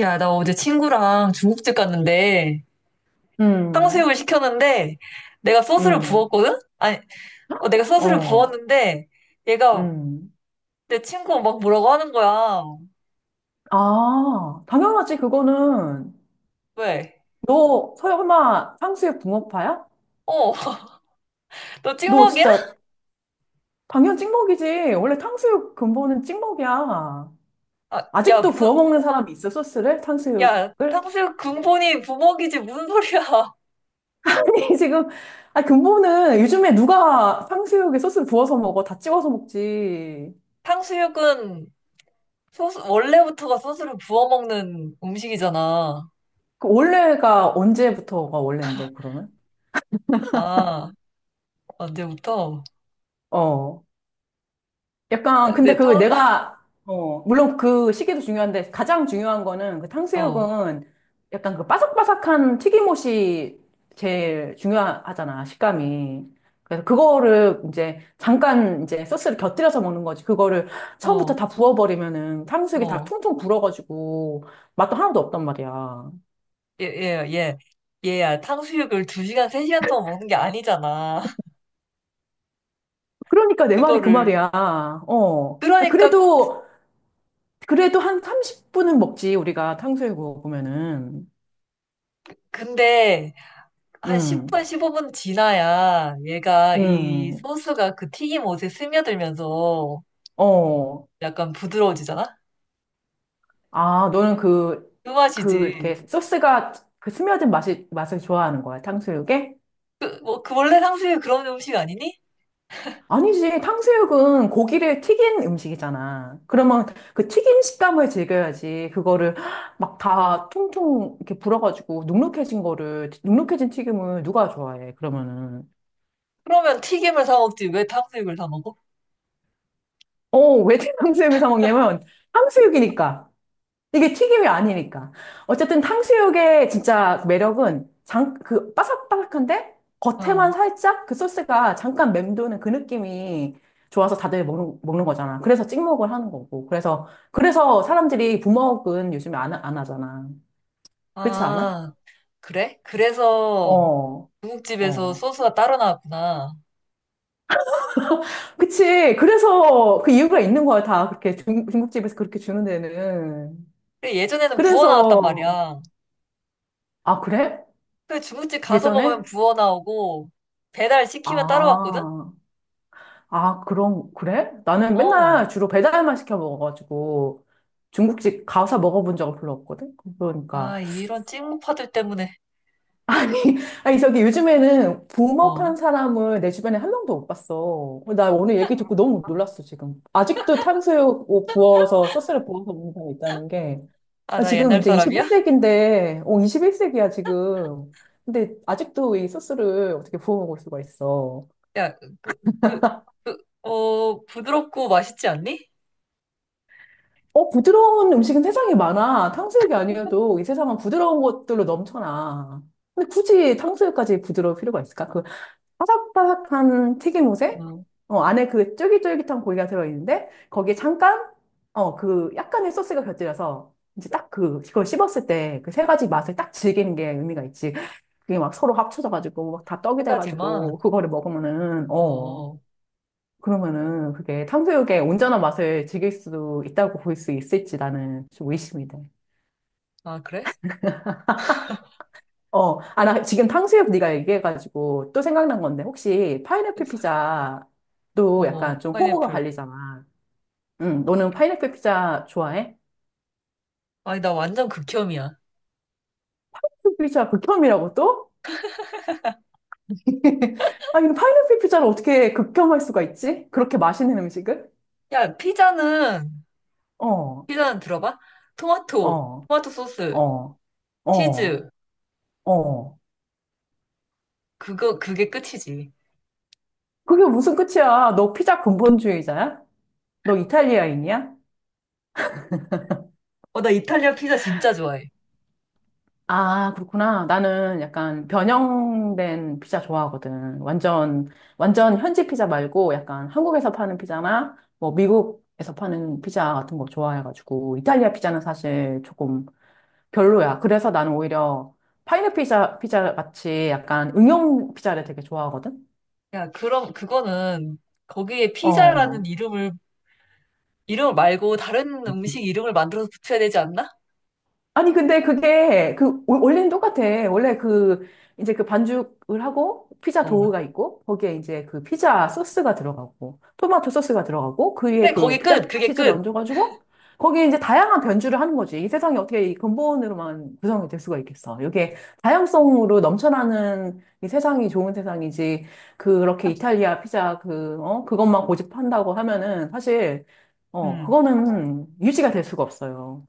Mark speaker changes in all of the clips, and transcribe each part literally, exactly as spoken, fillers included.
Speaker 1: 야, 나 어제 친구랑 중국집 갔는데
Speaker 2: 음,
Speaker 1: 탕수육을 시켰는데 내가 소스를
Speaker 2: 음,
Speaker 1: 부었거든? 아니, 어, 내가 소스를
Speaker 2: 어,
Speaker 1: 부었는데 얘가
Speaker 2: 음.
Speaker 1: 내 친구 막 뭐라고 하는 거야.
Speaker 2: 아, 당연하지, 그거는.
Speaker 1: 왜?
Speaker 2: 너 설마 탕수육 붕어파야?
Speaker 1: 어, 너
Speaker 2: 너
Speaker 1: 찍먹이야?
Speaker 2: 진짜 당연 찍먹이지. 원래 탕수육 근본은 찍먹이야.
Speaker 1: 아, 야,
Speaker 2: 아직도
Speaker 1: 무슨,
Speaker 2: 부어 먹는 사람이 있어, 소스를?
Speaker 1: 야,
Speaker 2: 탕수육을?
Speaker 1: 탕수육 근본이 부먹이지 무슨 소리야.
Speaker 2: 아니, 지금, 아, 근본은 요즘에 누가 탕수육에 소스 부어서 먹어? 다 찍어서 먹지.
Speaker 1: 탕수육은 소스, 원래부터가 소스를 부어 먹는 음식이잖아.
Speaker 2: 그 원래가 언제부터가 원래인데, 그러면?
Speaker 1: 아, 언제부터?
Speaker 2: 어. 약간,
Speaker 1: 내
Speaker 2: 근데 그
Speaker 1: 탕,
Speaker 2: 내가, 어, 물론 그 시기도 중요한데 가장 중요한 거는 그
Speaker 1: 어,
Speaker 2: 탕수육은 약간 그 바삭바삭한 튀김옷이 제일 중요하잖아, 식감이. 그래서 그거를 이제 잠깐 이제 소스를 곁들여서 먹는 거지. 그거를 처음부터
Speaker 1: 어,
Speaker 2: 다 부어버리면은 탕수육이 다
Speaker 1: 어.
Speaker 2: 퉁퉁 불어가지고 맛도 하나도 없단 말이야.
Speaker 1: 예, 예, 예. 얘야, 탕수육을 두시간세시간 동안 먹는 게 아니잖아.
Speaker 2: 그러니까 내 말이 그
Speaker 1: 그거를.
Speaker 2: 말이야. 어. 아,
Speaker 1: 그러니까,
Speaker 2: 그래도, 그래도 한 삼십 분은 먹지, 우리가 탕수육 먹으면은.
Speaker 1: 근데, 한
Speaker 2: 음.
Speaker 1: 십 분, 십오 분 지나야 얘가 이
Speaker 2: 음,
Speaker 1: 소스가 그 튀김 옷에 스며들면서
Speaker 2: 어.
Speaker 1: 약간 부드러워지잖아?
Speaker 2: 아, 너는 그,
Speaker 1: 그
Speaker 2: 그,
Speaker 1: 맛이지.
Speaker 2: 이렇게 소스가 그 스며든 맛이, 맛을 좋아하는 거야, 탕수육에?
Speaker 1: 그- 뭐, 그 원래 탕수육 그런 음식 아니니?
Speaker 2: 아니지, 탕수육은 고기를 튀긴 음식이잖아. 그러면 그 튀긴 식감을 즐겨야지. 그거를 막 다 통통 이렇게 불어가지고 눅눅해진 거를, 눅눅해진 튀김을 누가 좋아해, 그러면은.
Speaker 1: 그러면 튀김을 사 먹지. 왜 탕수육을 사 먹어?
Speaker 2: 어, 왜 탕수육을 사 먹냐면, 탕수육이니까. 이게 튀김이 아니니까. 어쨌든 탕수육의 진짜 매력은 장, 그 바삭바삭한데 겉에만
Speaker 1: 어.
Speaker 2: 살짝 그 소스가 잠깐 맴도는 그 느낌이 좋아서 다들 먹는, 먹는 거잖아. 그래서 찍먹을 하는 거고. 그래서, 그래서 사람들이 부먹은 요즘에 안, 하- 안 하잖아. 그렇지 않아?
Speaker 1: 아, 그래? 그래서
Speaker 2: 어,
Speaker 1: 중국집에서
Speaker 2: 어.
Speaker 1: 소스가 따로 나왔구나.
Speaker 2: 그치. 그래서 그 이유가 있는 거야. 다 그렇게 중, 중국집에서 그렇게 주는 데는.
Speaker 1: 근데 예전에는 부어 나왔단
Speaker 2: 그래서,
Speaker 1: 말이야.
Speaker 2: 아, 그래?
Speaker 1: 그 중국집 가서 먹으면
Speaker 2: 예전에?
Speaker 1: 부어 나오고 배달 시키면 따라왔거든?
Speaker 2: 아. 아, 그런, 그래? 나는
Speaker 1: 어.
Speaker 2: 맨날 주로 배달만 시켜 먹어가지고 중국집 가서 먹어본 적은 별로 없거든? 그러니까.
Speaker 1: 아, 이런 찍먹파들 때문에.
Speaker 2: 아니, 아니, 저기 요즘에는
Speaker 1: 어.
Speaker 2: 부먹하는 사람을 내 주변에 한 명도 못 봤어. 나 오늘 얘기 듣고 너무 놀랐어, 지금. 아직도 탕수육 구워서, 소스를 부어서 먹는 사람이 있다는 게.
Speaker 1: 아,
Speaker 2: 나
Speaker 1: 나
Speaker 2: 지금
Speaker 1: 옛날
Speaker 2: 이제
Speaker 1: 사람이야?
Speaker 2: 이십일 세기인데, 어, 이십일 세기야, 지금. 근데 아직도 이 소스를 어떻게 부어 먹을 수가 있어.
Speaker 1: 야, 그, 그, 그, 어, 부드럽고 맛있지 않니?
Speaker 2: 어, 부드러운 음식은 세상에 많아. 탕수육이 아니어도 이 세상은 부드러운 것들로 넘쳐나. 근데 굳이 탕수육까지 부드러울 필요가 있을까? 그 바삭바삭한 튀김옷에
Speaker 1: 어,
Speaker 2: 어, 안에 그 쫄깃쫄깃한 고기가 들어있는데 거기에 잠깐 어, 그 약간의 소스가 곁들여서 이제 딱 그, 그걸 씹었을 때 그 세 가지 맛을 딱 즐기는 게 의미가 있지. 그게 막 서로 합쳐져가지고 막 다 떡이
Speaker 1: 세
Speaker 2: 돼가지고
Speaker 1: 가지만.
Speaker 2: 그거를 먹으면은
Speaker 1: 어,
Speaker 2: 어.
Speaker 1: 어.
Speaker 2: 그러면은 그게 탕수육의 온전한 맛을 즐길 수도 있다고 볼 수 있을지 나는 좀 의심이 돼.
Speaker 1: 아, 그래?
Speaker 2: 어, 아, 나 지금 탕수육 네가 얘기해가지고 또 생각난 건데 혹시 파인애플 피자도
Speaker 1: 어,
Speaker 2: 약간 좀 호불호가
Speaker 1: 파인애플.
Speaker 2: 갈리잖아. 응, 너는 파인애플 피자 좋아해?
Speaker 1: 아니, 나 완전 극혐이야.
Speaker 2: 파인애플 피자 극혐이라고 또? 아니, 근데 파인애플 피자를 어떻게 극혐할 수가 있지? 그렇게 맛있는 음식을?
Speaker 1: 야, 피자는,
Speaker 2: 어,
Speaker 1: 피자는 들어봐? 토마토,
Speaker 2: 어,
Speaker 1: 토마토 소스,
Speaker 2: 어, 어,
Speaker 1: 치즈.
Speaker 2: 어.
Speaker 1: 그거, 그게 끝이지.
Speaker 2: 그게 무슨 끝이야? 너 피자 근본주의자야? 너 이탈리아인이야?
Speaker 1: 어, 나 이탈리아 피자 진짜 좋아해.
Speaker 2: 아, 그렇구나. 나는 약간 변형된 피자 좋아하거든. 완전, 완전 현지 피자 말고 약간 한국에서 파는 피자나 뭐 미국에서 파는 피자 같은 거 좋아해가지고 이탈리아 피자는 사실 조금 별로야. 그래서 나는 오히려 파인애플 피자, 피자 같이 약간 응용 피자를 되게 좋아하거든.
Speaker 1: 야, 그럼 그거는 거기에 피자라는
Speaker 2: 어.
Speaker 1: 이름을 이름 말고 다른 음식 이름을 만들어서 붙여야 되지 않나?
Speaker 2: 아니, 근데 그게, 그, 원- 원래는 똑같아. 원래 그, 이제 그 반죽을 하고, 피자 도우가
Speaker 1: 어.
Speaker 2: 있고, 거기에 이제 그 피자 소스가 들어가고, 토마토 소스가 들어가고, 그 위에
Speaker 1: 그래,
Speaker 2: 그
Speaker 1: 거기
Speaker 2: 피자
Speaker 1: 끝. 그게
Speaker 2: 치즈를
Speaker 1: 끝.
Speaker 2: 얹어가지고, 거기에 이제 다양한 변주를 하는 거지. 이 세상이 어떻게 이 근본으로만 구성이 될 수가 있겠어. 이게 다양성으로 넘쳐나는 이 세상이 좋은 세상이지. 그렇게 이탈리아 피자 그, 어, 그것만 고집한다고 하면은, 사실, 어,
Speaker 1: 음.
Speaker 2: 그거는 유지가 될 수가 없어요.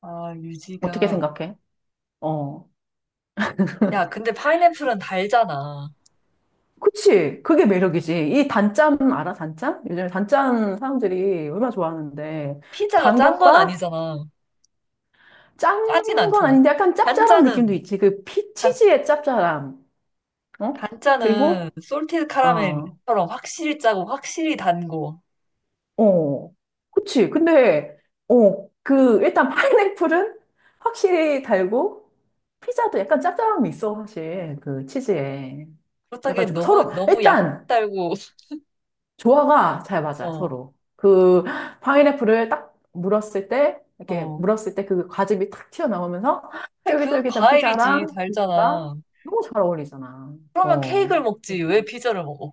Speaker 1: 아,
Speaker 2: 어떻게
Speaker 1: 유지가.
Speaker 2: 생각해? 어.
Speaker 1: 야, 근데 파인애플은 달잖아.
Speaker 2: 그치. 그게 매력이지. 이 단짠 알아? 단짠? 요즘에 단짠 사람들이 얼마나 좋아하는데.
Speaker 1: 피자가
Speaker 2: 단
Speaker 1: 짠 건
Speaker 2: 것과
Speaker 1: 아니잖아.
Speaker 2: 짠
Speaker 1: 짜진
Speaker 2: 건
Speaker 1: 않잖아.
Speaker 2: 아닌데 약간 짭짤한 느낌도
Speaker 1: 단짠은
Speaker 2: 있지. 그
Speaker 1: 단,
Speaker 2: 피치즈의 짭짤함. 어?
Speaker 1: 단짠은
Speaker 2: 그리고,
Speaker 1: 솔티드
Speaker 2: 어,
Speaker 1: 카라멜처럼 확실히 짜고 확실히 단고.
Speaker 2: 어. 그치. 근데, 어, 그, 일단 파인애플은 확실히 달고, 피자도 약간 짭짤함이 있어, 사실. 그 치즈에.
Speaker 1: 그렇다기엔
Speaker 2: 그래가지고
Speaker 1: 너무
Speaker 2: 서로,
Speaker 1: 너무 약
Speaker 2: 일단,
Speaker 1: 달고.
Speaker 2: 조화가 잘 맞아,
Speaker 1: 어.
Speaker 2: 서로. 그 파인애플을 딱 물었을 때, 이렇게
Speaker 1: 어.
Speaker 2: 물었을 때 그 과즙이 탁 튀어나오면서
Speaker 1: 그래, 그건
Speaker 2: 쫄깃쫄깃한
Speaker 1: 과일이지.
Speaker 2: 피자랑 고기가
Speaker 1: 달잖아.
Speaker 2: 너무 잘 어울리잖아.
Speaker 1: 그러면
Speaker 2: 어.
Speaker 1: 케이크를 먹지. 왜
Speaker 2: 그러니까
Speaker 1: 피자를 먹어?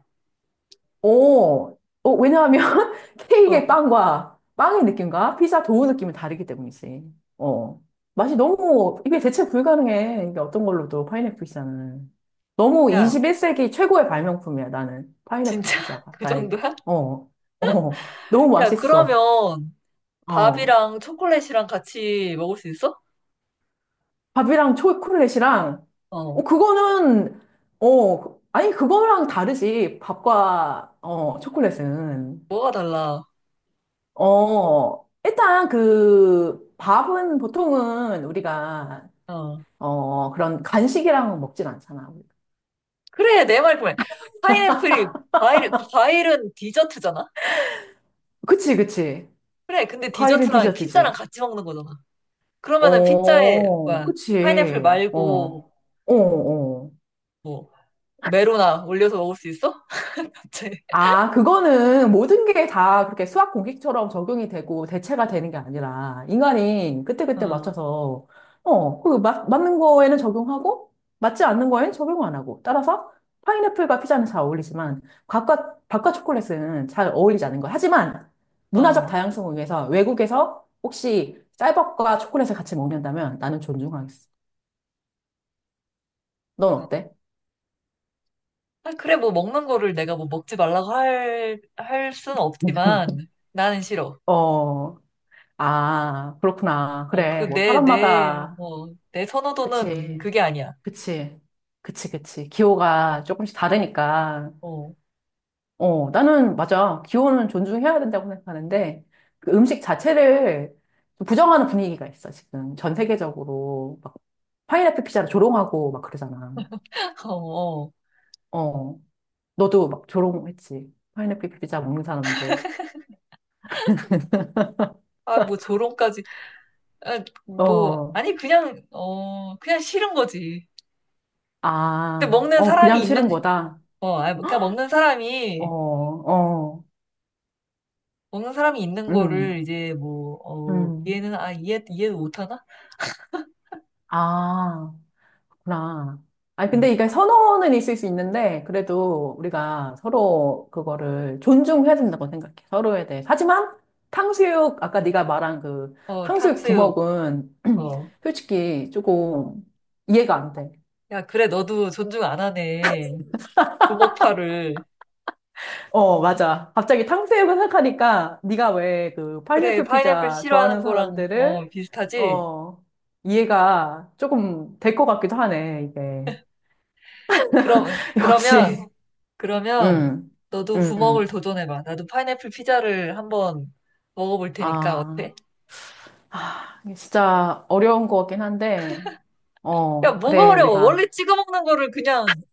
Speaker 2: 어, 어, 왜냐하면 케이크의
Speaker 1: 어.
Speaker 2: 빵과 빵의 느낌과 피자 도우 느낌이 다르기 때문이지. 어. 맛이 너무, 이게 대체 불가능해. 이게 어떤 걸로도 파인애플 피자는. 너무
Speaker 1: 야,
Speaker 2: 이십일 세기 최고의 발명품이야, 나는.
Speaker 1: 진짜
Speaker 2: 파인애플 피자가,
Speaker 1: 그
Speaker 2: 나에게.
Speaker 1: 정도야?
Speaker 2: 어, 어. 너무
Speaker 1: 야,
Speaker 2: 맛있어.
Speaker 1: 그러면
Speaker 2: 어.
Speaker 1: 밥이랑 초콜릿이랑 같이 먹을 수 있어?
Speaker 2: 밥이랑 초콜릿이랑, 어,
Speaker 1: 어.
Speaker 2: 그거는, 어, 아니, 그거랑 다르지. 밥과, 어, 초콜릿은.
Speaker 1: 뭐가 달라?
Speaker 2: 어, 일단 그 밥은 보통은 우리가
Speaker 1: 어.
Speaker 2: 어, 그런 간식이랑 먹진 않잖아.
Speaker 1: 그래, 내 말 그만. 파인애플이, 과일, 과일은 디저트잖아?
Speaker 2: 그치, 그치.
Speaker 1: 그래, 근데
Speaker 2: 과일은
Speaker 1: 디저트랑 피자랑
Speaker 2: 디저트지.
Speaker 1: 같이 먹는 거잖아. 그러면은 피자에,
Speaker 2: 어,
Speaker 1: 뭐야,
Speaker 2: 그치.
Speaker 1: 파인애플
Speaker 2: 어,
Speaker 1: 말고,
Speaker 2: 어, 어.
Speaker 1: 뭐, 메로나 올려서 먹을 수 있어? 대체.
Speaker 2: 아, 그거는 모든 게 다 그렇게 수학 공식처럼 적용이 되고 대체가 되는 게 아니라 인간이 그때그때
Speaker 1: 어,
Speaker 2: 맞춰서 어, 그 맞, 맞는 거에는 적용하고 맞지 않는 거에는 적용 안 하고 따라서 파인애플과 피자는 잘 어울리지만 과과 바과 초콜릿은 잘 어울리지 않는 거. 하지만 문화적
Speaker 1: 어.
Speaker 2: 다양성을 위해서 외국에서 혹시 쌀밥과 초콜릿을 같이 먹는다면 나는 존중하겠어. 넌 어때?
Speaker 1: 아, 그래, 뭐 먹는 거를 내가 뭐 먹지 말라고 할, 할 순 없지만 나는 싫어.
Speaker 2: 어, 아, 그렇구나.
Speaker 1: 어, 그
Speaker 2: 그래, 뭐
Speaker 1: 내, 내,
Speaker 2: 사람마다
Speaker 1: 어, 내 선호도는
Speaker 2: 그치.
Speaker 1: 그게 아니야.
Speaker 2: 그치. 그치, 그치. 기호가 조금씩 다르니까.
Speaker 1: 어,
Speaker 2: 어, 나는, 맞아. 기호는 존중해야 된다고 생각하는데, 그 음식 자체를 좀 부정하는 분위기가 있어, 지금. 전 세계적으로. 막, 파인애플 피자를 조롱하고 막 그러잖아.
Speaker 1: 어, 어.
Speaker 2: 어, 너도 막 조롱했지. 파인애플 피자 먹는 사람들.
Speaker 1: 아, 뭐 조롱까지. 아, 뭐,
Speaker 2: 어,
Speaker 1: 아니, 그냥, 어, 그냥 싫은 거지. 근데
Speaker 2: 아,
Speaker 1: 먹는
Speaker 2: 어,
Speaker 1: 사람이
Speaker 2: 그냥
Speaker 1: 있는,
Speaker 2: 싫은 거다.
Speaker 1: 어, 아, 그러니까 먹는
Speaker 2: 어,
Speaker 1: 사람이,
Speaker 2: 어,
Speaker 1: 먹는 사람이 있는
Speaker 2: 음,
Speaker 1: 거를 이제 뭐, 어,
Speaker 2: 음.
Speaker 1: 이해는, 아, 이해, 이해도 못하나?
Speaker 2: 아. 나. 아니,
Speaker 1: 음.
Speaker 2: 근데 이게 선호는 있을 수 있는데, 그래도 우리가 서로 그거를 존중해야 된다고 생각해. 서로에 대해. 하지만, 탕수육, 아까 네가 말한 그
Speaker 1: 어,
Speaker 2: 탕수육
Speaker 1: 탕수육,
Speaker 2: 부먹은
Speaker 1: 어.
Speaker 2: 솔직히 조금 이해가 안 돼.
Speaker 1: 야, 그래, 너도 존중 안 하네. 주먹파를.
Speaker 2: 어, 맞아. 갑자기 탕수육을 생각하니까 네가 왜 그
Speaker 1: 그래,
Speaker 2: 파인애플
Speaker 1: 파인애플
Speaker 2: 피자 좋아하는
Speaker 1: 싫어하는 거랑,
Speaker 2: 사람들을,
Speaker 1: 어, 비슷하지?
Speaker 2: 어, 이해가 조금 될 것 같기도 하네, 이게.
Speaker 1: 그럼, 그러면,
Speaker 2: 역시.
Speaker 1: 그러면,
Speaker 2: 음,
Speaker 1: 너도 부먹을
Speaker 2: 음.
Speaker 1: 도전해봐. 나도 파인애플 피자를 한번 먹어볼 테니까,
Speaker 2: 아.
Speaker 1: 어때?
Speaker 2: 아, 이게 진짜 어려운 것 같긴 한데,
Speaker 1: 야,
Speaker 2: 어,
Speaker 1: 뭐가
Speaker 2: 그래,
Speaker 1: 어려워? 원래
Speaker 2: 우리가,
Speaker 1: 찍어 먹는 거를 그냥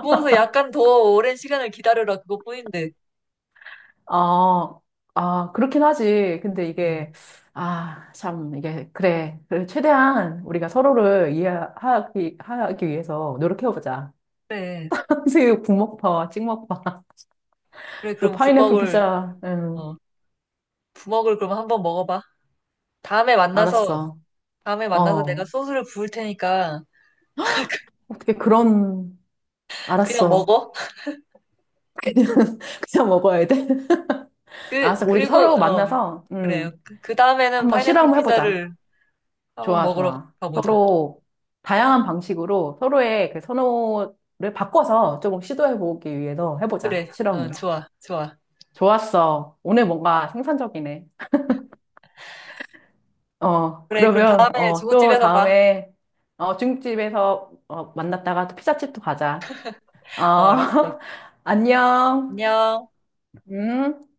Speaker 1: 구워서 약간 더 오랜 시간을 기다려라. 그것뿐인데.
Speaker 2: 어, 아, 그렇긴 하지. 근데
Speaker 1: 음,
Speaker 2: 이게, 아, 참, 이게, 그래. 그래, 최대한 우리가 서로를 이해하기, 하기 위해서 노력해보자.
Speaker 1: 그래.
Speaker 2: 한수육 국먹파, 찍먹파,
Speaker 1: 그래,
Speaker 2: 또
Speaker 1: 그럼
Speaker 2: 파인애플
Speaker 1: 부먹을,
Speaker 2: 피자, 응,
Speaker 1: 어, 부먹을 그럼 한번 먹어봐. 다음에 만나서,
Speaker 2: 알았어.
Speaker 1: 다음에 만나서 내가
Speaker 2: 어,
Speaker 1: 소스를 부을 테니까,
Speaker 2: 어떻게 그런,
Speaker 1: 그냥
Speaker 2: 알았어.
Speaker 1: 먹어.
Speaker 2: 그냥 먹어야 돼.
Speaker 1: 그,
Speaker 2: 알았어. 우리
Speaker 1: 그리고,
Speaker 2: 서로
Speaker 1: 어,
Speaker 2: 만나서,
Speaker 1: 그래요.
Speaker 2: 음,
Speaker 1: 그 그 다음에는
Speaker 2: 한번
Speaker 1: 파인애플
Speaker 2: 실험해보자.
Speaker 1: 피자를 한번
Speaker 2: 좋아,
Speaker 1: 먹으러
Speaker 2: 좋아.
Speaker 1: 가보자.
Speaker 2: 서로 다양한 방식으로 서로의 그 선호를 바꿔서 조금 시도해보기 위해서 해보자,
Speaker 1: 그래, 어,
Speaker 2: 실험을.
Speaker 1: 좋아, 좋아.
Speaker 2: 좋았어. 오늘 뭔가 생산적이네. 어,
Speaker 1: 그래, 그럼
Speaker 2: 그러면,
Speaker 1: 다음에
Speaker 2: 어, 또
Speaker 1: 중국집에서 봐.
Speaker 2: 다음에, 어, 중국집에서, 어, 만났다가 또 피자집도 가자. 어,
Speaker 1: 어, 알았어.
Speaker 2: 안녕.
Speaker 1: 안녕.
Speaker 2: 음.